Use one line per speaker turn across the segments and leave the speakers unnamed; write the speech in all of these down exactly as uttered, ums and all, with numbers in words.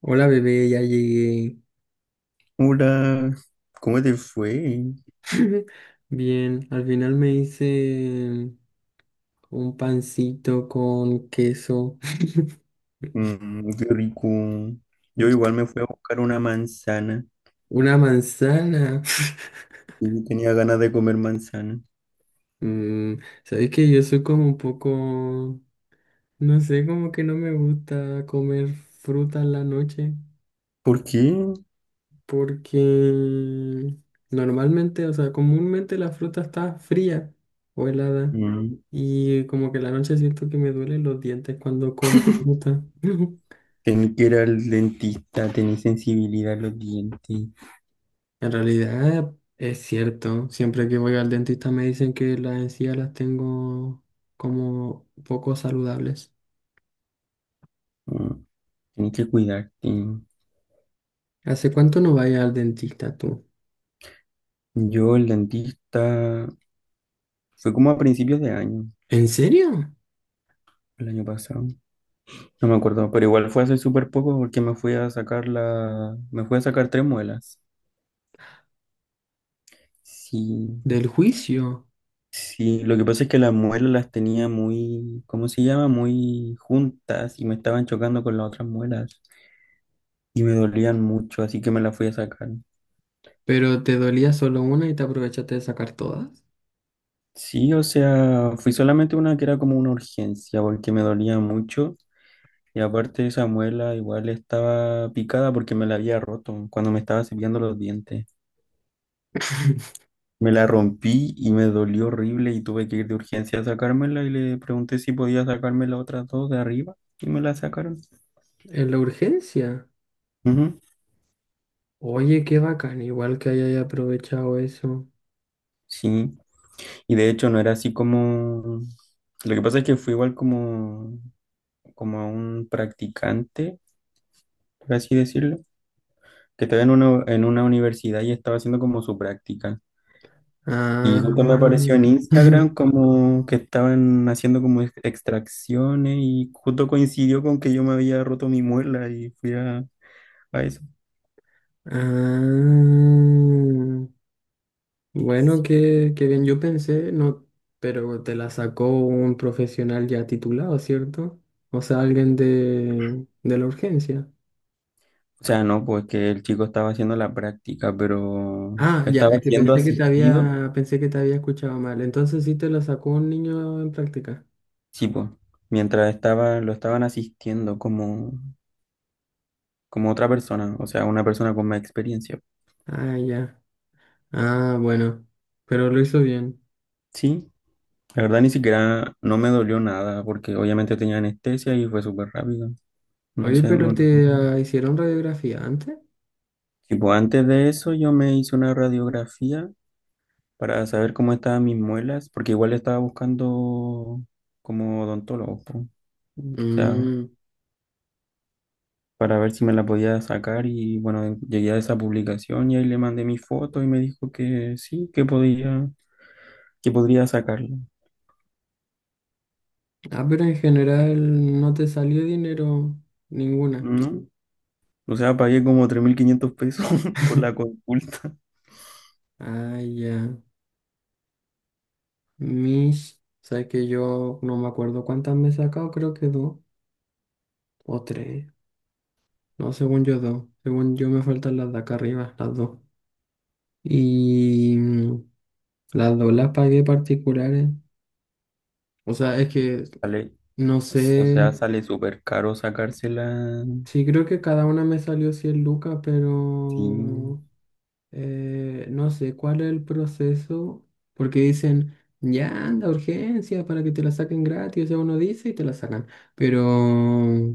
Hola bebé, ya llegué.
Hola, ¿cómo te fue?
Bien, al final me hice un pancito con queso,
Mm, qué rico. Yo igual me fui a buscar una manzana
una manzana.
y tenía ganas de comer manzana.
Mm, sabes que yo soy como un poco, no sé, como que no me gusta comer fruta en la noche
¿Por qué?
porque normalmente, o sea, comúnmente la fruta está fría o helada
Mm,
y como que en la noche siento que me duelen los dientes cuando como fruta.
Tenés que ir al dentista, tenía sensibilidad a los dientes,
En realidad es cierto, siempre que voy al dentista me dicen que las encías las tengo como poco saludables.
mm, tenía que cuidarte.
¿Hace cuánto no vaya al dentista tú?
Yo, el dentista, fue como a principios de año,
¿En serio?
el año pasado. No me acuerdo, pero igual fue hace súper poco porque me fui a sacar la... me fui a sacar tres muelas. Sí.
¿Del juicio?
Sí, lo que pasa es que las muelas las tenía muy, ¿cómo se llama? Muy juntas y me estaban chocando con las otras muelas y me dolían mucho, así que me las fui a sacar.
¿Pero te dolía solo una y te aprovechaste de sacar todas?
Sí, o sea, fui solamente una que era como una urgencia porque me dolía mucho y aparte esa muela igual estaba picada porque me la había roto cuando me estaba cepillando los dientes. Me la rompí y me dolió horrible y tuve que ir de urgencia a sacármela y le pregunté si podía sacarme las otras dos de arriba y me la sacaron.
¿En la urgencia?
Ujú.
Oye, qué bacán, igual que hayas aprovechado eso.
Sí. Y de hecho no era así como... Lo que pasa es que fue igual como, como a un practicante, por así decirlo, que estaba en una, en una universidad y estaba haciendo como su práctica. Y
Ah,
justo me apareció en Instagram como que estaban haciendo como ex- extracciones y justo coincidió con que yo me había roto mi muela y fui a, a eso.
ah. Bueno, qué, qué bien, yo pensé, no, pero te la sacó un profesional ya titulado, ¿cierto? O sea, alguien de, de la urgencia.
O sea, no, pues que el chico estaba haciendo la práctica, pero
Ah, ya,
estaba
es que
siendo
pensé que te
asistido,
había, pensé que te había escuchado mal. Entonces sí te la sacó un niño en práctica.
sí, pues, mientras estaba, lo estaban asistiendo como... como otra persona, o sea, una persona con más experiencia.
Ah, ya. Ah, bueno, pero lo hizo bien.
Sí, la verdad ni siquiera no me dolió nada porque obviamente tenía anestesia y fue súper rápido. No
Oye,
sé,
pero
muy-
te ah, hicieron radiografía antes.
Tipo antes de eso yo me hice una radiografía para saber cómo estaban mis muelas, porque igual estaba buscando como odontólogo, po. O sea,
Mm.
para ver si me la podía sacar y bueno, llegué a esa publicación y ahí le mandé mi foto y me dijo que sí, que podía, que podría sacarla.
Ah, pero en general no te salió dinero ninguna.
¿No? O sea, pagué como tres mil quinientos pesos por la consulta.
Ah, ya. Mis, sabes que yo no me acuerdo cuántas me he sacado, creo que dos o tres. No, según yo dos. Según yo me faltan las de acá arriba, las dos. Y mm, las dos las pagué particulares. O sea, es que
Sale,
no
o sea,
sé.
sale súper caro sacársela.
Sí, creo que cada una me salió cien lucas,
Sí.
pero Eh, no sé cuál es el proceso, porque dicen, ya anda, urgencia, para que te la saquen gratis, o sea, uno dice y te la sacan, pero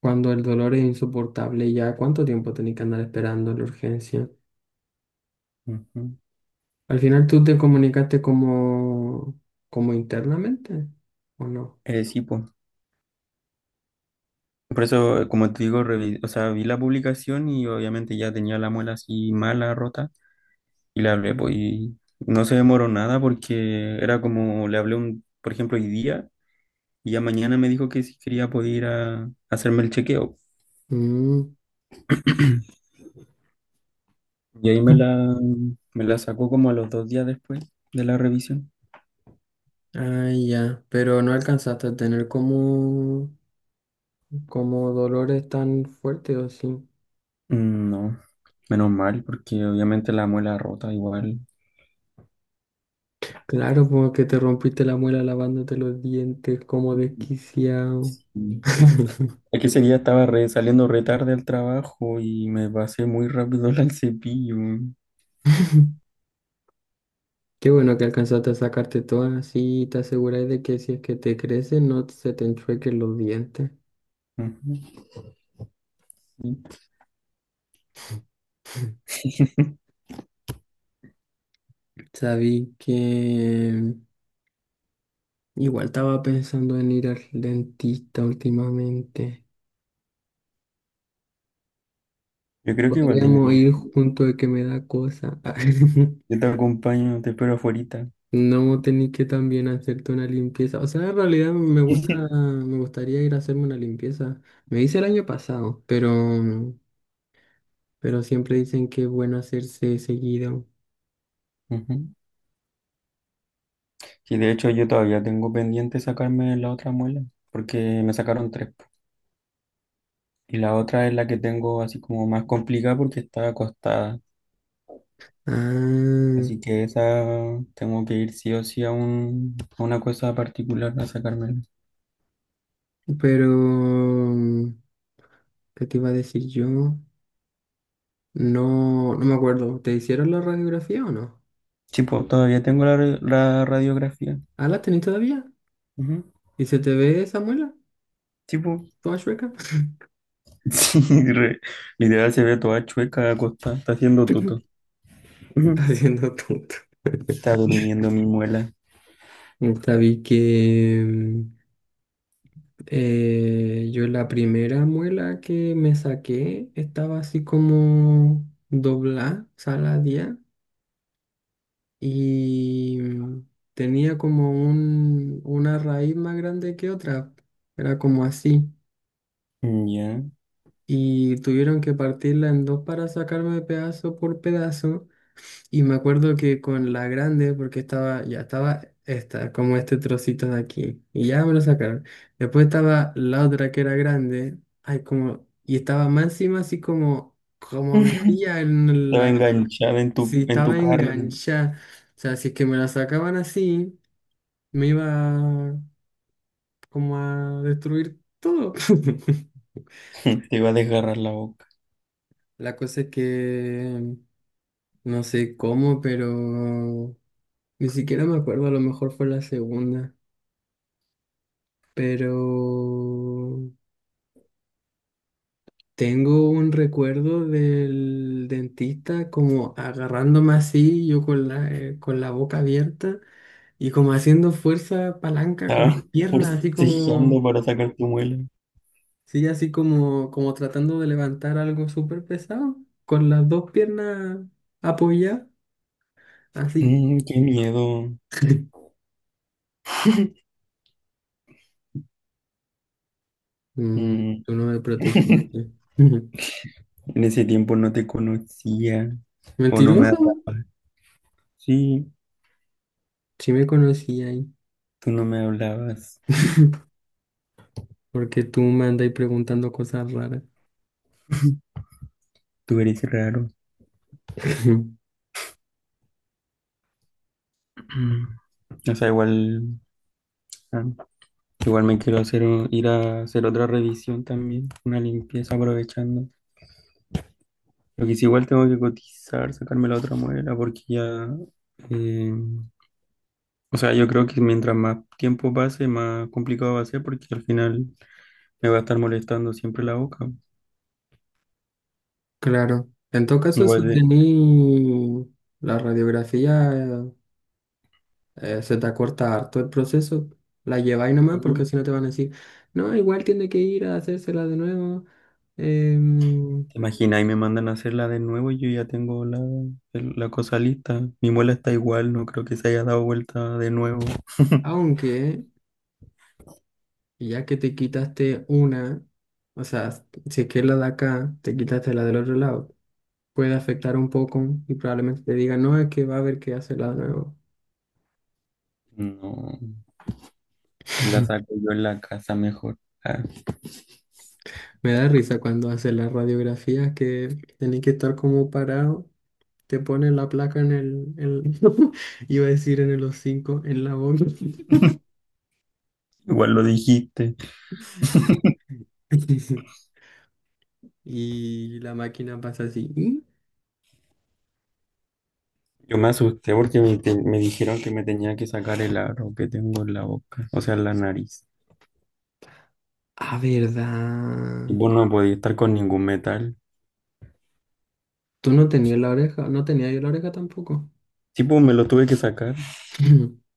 cuando el dolor es insoportable, ya cuánto tiempo tenés que andar esperando la urgencia.
Ujú.
Al final tú te comunicaste como, como internamente, ¿o no?
Eh, sí, pues. Por eso, como te digo, revi- o sea, vi la publicación y obviamente ya tenía la muela así mala, rota, y le hablé, pues, y no se demoró nada porque era como, le hablé un, por ejemplo, hoy día, y ya mañana me dijo que si quería poder ir a hacerme el chequeo.
Mm,
Y ahí me la, me la sacó como a los dos días después de la revisión.
ah, ya, pero no alcanzaste a tener como, como dolores tan fuertes o sí.
Mm, No, menos mal, porque obviamente la muela rota igual.
Claro, como que te rompiste la muela lavándote los dientes como desquiciado.
Mm. Es que ese día estaba re- saliendo re tarde al trabajo y me pasé muy rápido al cepillo.
Qué bueno que alcanzaste a sacarte todas, así te aseguráis de que si es que te crecen no se te enchuequen los dientes.
Ujú, sí.
Sabí que igual estaba pensando en ir al dentista últimamente.
Yo creo que igual
Podríamos
debería.
ir junto de que me da cosa.
Yo te acompaño, te espero afuerita.
No tenéis que también hacerte una limpieza. O sea, en realidad me gusta, me gustaría ir a hacerme una limpieza. Me hice el año pasado, pero, pero siempre dicen que es bueno hacerse seguido.
Ujú. Sí, de hecho yo todavía tengo pendiente sacarme la otra muela, porque me sacaron tres, po. Y la otra es la que tengo así como más complicada porque está acostada.
Ah,
Así que esa tengo que ir sí o sí a, un, a una cosa particular a sacármela.
pero, mm, ¿qué te iba a decir yo? No, no me acuerdo. ¿Te hicieron la radiografía o no?
Sí, po, todavía tengo la, ra- la radiografía.
¿Ah, la tenés todavía?
Ujú.
¿Y se te ve esa muela?
Sí, po.
¿Toda chueca?
Sí, re- Literal se ve toda chueca acostada, está haciendo tuto. Ujú.
Haciendo tonto.
Está durmiendo mi muela.
Sabí que... mm, Eh, yo la primera muela que me saqué estaba así como doblada, saladía, y tenía como un, una raíz más grande que otra, era como así,
Ya.
y tuvieron que partirla en dos para sacarme pedazo por pedazo. Y me acuerdo que con la grande, porque estaba, ya estaba esta, como este trocito de aquí, y ya me lo sacaron. Después estaba la otra que era grande, ay, como, y estaba más encima así como, como metía en
Estaba
la,
enganchada en tu,
si
en tu
estaba
carne.
enganchada. O sea, si es que me la sacaban así, me iba como a destruir todo.
Te iba a desgarrar la boca.
La cosa es que no sé cómo, pero ni siquiera me acuerdo, a lo mejor fue la segunda. Pero tengo un recuerdo del dentista como agarrándome así, yo con la, eh, con la boca abierta y como haciendo fuerza palanca con
Estaba
las piernas, así
forcejeando
como,
para sacar tu muela.
sí, así como, como tratando de levantar algo súper pesado, con las dos piernas apoyadas, así.
Mm, qué miedo.
Mm,
Mm.
tú no me protegiste.
En ese tiempo no te conocía. O no me
Mentiroso,
hablabas. Sí,
sí me conocí ahí.
tú no me hablabas.
Porque tú me andas preguntando cosas raras.
Tú eres raro. O sea, igual, ah, igual me quiero hacer un- ir a hacer otra revisión también, una limpieza aprovechando. Lo que sí, igual tengo que cotizar, sacarme la otra muela, porque ya, eh, o sea, yo creo que mientras más tiempo pase, más complicado va a ser, porque al final me va a estar molestando siempre la boca.
Claro. En todo caso,
Igual
si
de-
tení la radiografía, eh, se te acorta harto el proceso, la lleváis nomás porque si no te van a decir, no, igual tiene que ir a hacérsela de nuevo. em,
¿Te imaginas? Y me mandan a hacerla de nuevo y yo ya tengo la, el- la cosa lista. Mi muela está igual, no creo que se haya dado vuelta de nuevo.
Aunque ya que te quitaste una, o sea, si es que es la de acá, te quitaste la del otro lado, puede afectar un poco y probablemente te digan, no, es que va a haber que hacerla de nuevo.
No, me la saco yo en la casa mejor. Ah,
Me da risa cuando hacen las radiografías que tenéis que estar como parado. Te ponen la placa en el, en- iba a decir en el hocico, en la boca.
igual lo dijiste.
Y la máquina pasa así. ¿Mm?
Yo me asusté porque me, te- me dijeron que me tenía que sacar el aro que tengo en la boca, o sea, en la nariz.
Ah,
Y
verdad.
pues no podía estar con ningún metal.
Tú no tenías la oreja, no tenía yo la oreja tampoco.
Sí, pues me lo tuve que sacar.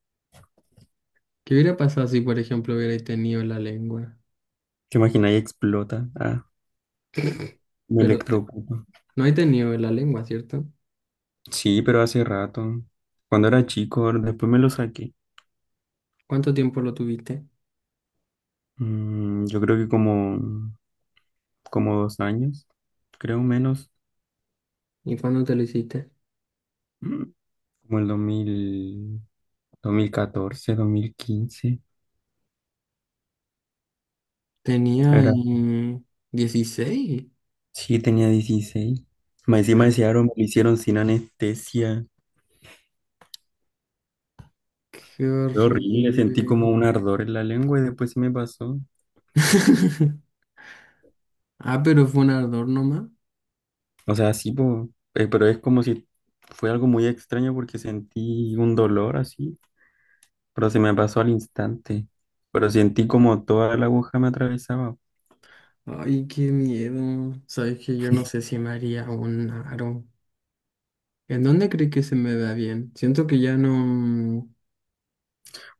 ¿Qué hubiera pasado si, por ejemplo, hubierais tenido la lengua?
¿Te imaginas? Y explota. Ah, me
Pero te-
electrocuto.
no he tenido la lengua, ¿cierto?
Sí, pero hace rato. Cuando era chico, después me lo saqué.
¿Cuánto tiempo lo tuviste?
Mm, yo creo que como, como dos años, creo menos,
¿Y cuándo te lo hiciste?
mm, como el dos dos mil dos mil catorce, dos mil quince.
Tenía
Era,
eh, dieciséis.
sí, tenía dieciséis. Más encima ese aro me lo hicieron sin anestesia.
Qué
Fue horrible, sentí
horrible.
como un ardor en la lengua y después se me pasó.
Ah, pero fue un ardor nomás.
O sea, sí, po, eh, pero es como si fue algo muy extraño porque sentí un dolor así, pero se me pasó al instante. Pero sentí como toda la aguja me atravesaba.
Ay, qué miedo. Sabes que yo no sé si me haría un aro. ¿En dónde crees que se me da bien? Siento que ya no mm,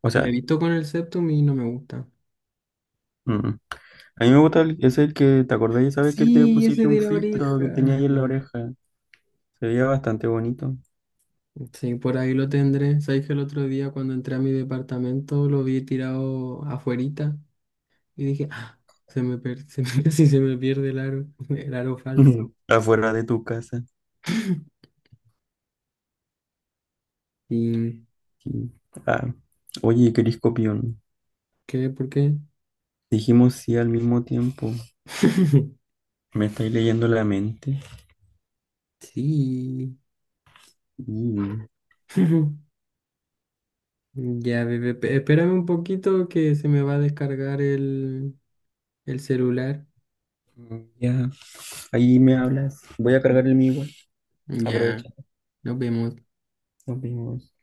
O
me he
sea,
visto con el septum y no me gusta.
mm. A mí me gusta el- ese el que te acordás, ya sabes que te
Sí,
pusiste
ese
un
de la
filtro
oreja.
que tenía ahí en la oreja. Se veía bastante bonito.
Sí, por ahí lo tendré. Sabes que el otro día cuando entré a mi departamento lo vi tirado afuerita y dije, ah, se me per- se me- casi se me pierde el aro, el aro falso.
Afuera de tu casa.
¿Y
Sí. Ah, oye, Cris Copión,
qué? ¿Por qué?
dijimos sí al mismo tiempo. Me estáis leyendo la mente.
Sí.
Y,
Ya, bebé, pe- espérame un poquito que se me va a descargar el, el celular.
ya, ahí me hablas. Voy a cargar el mío igual.
Ya,
Aprovecha.
nos vemos.
Nos vemos.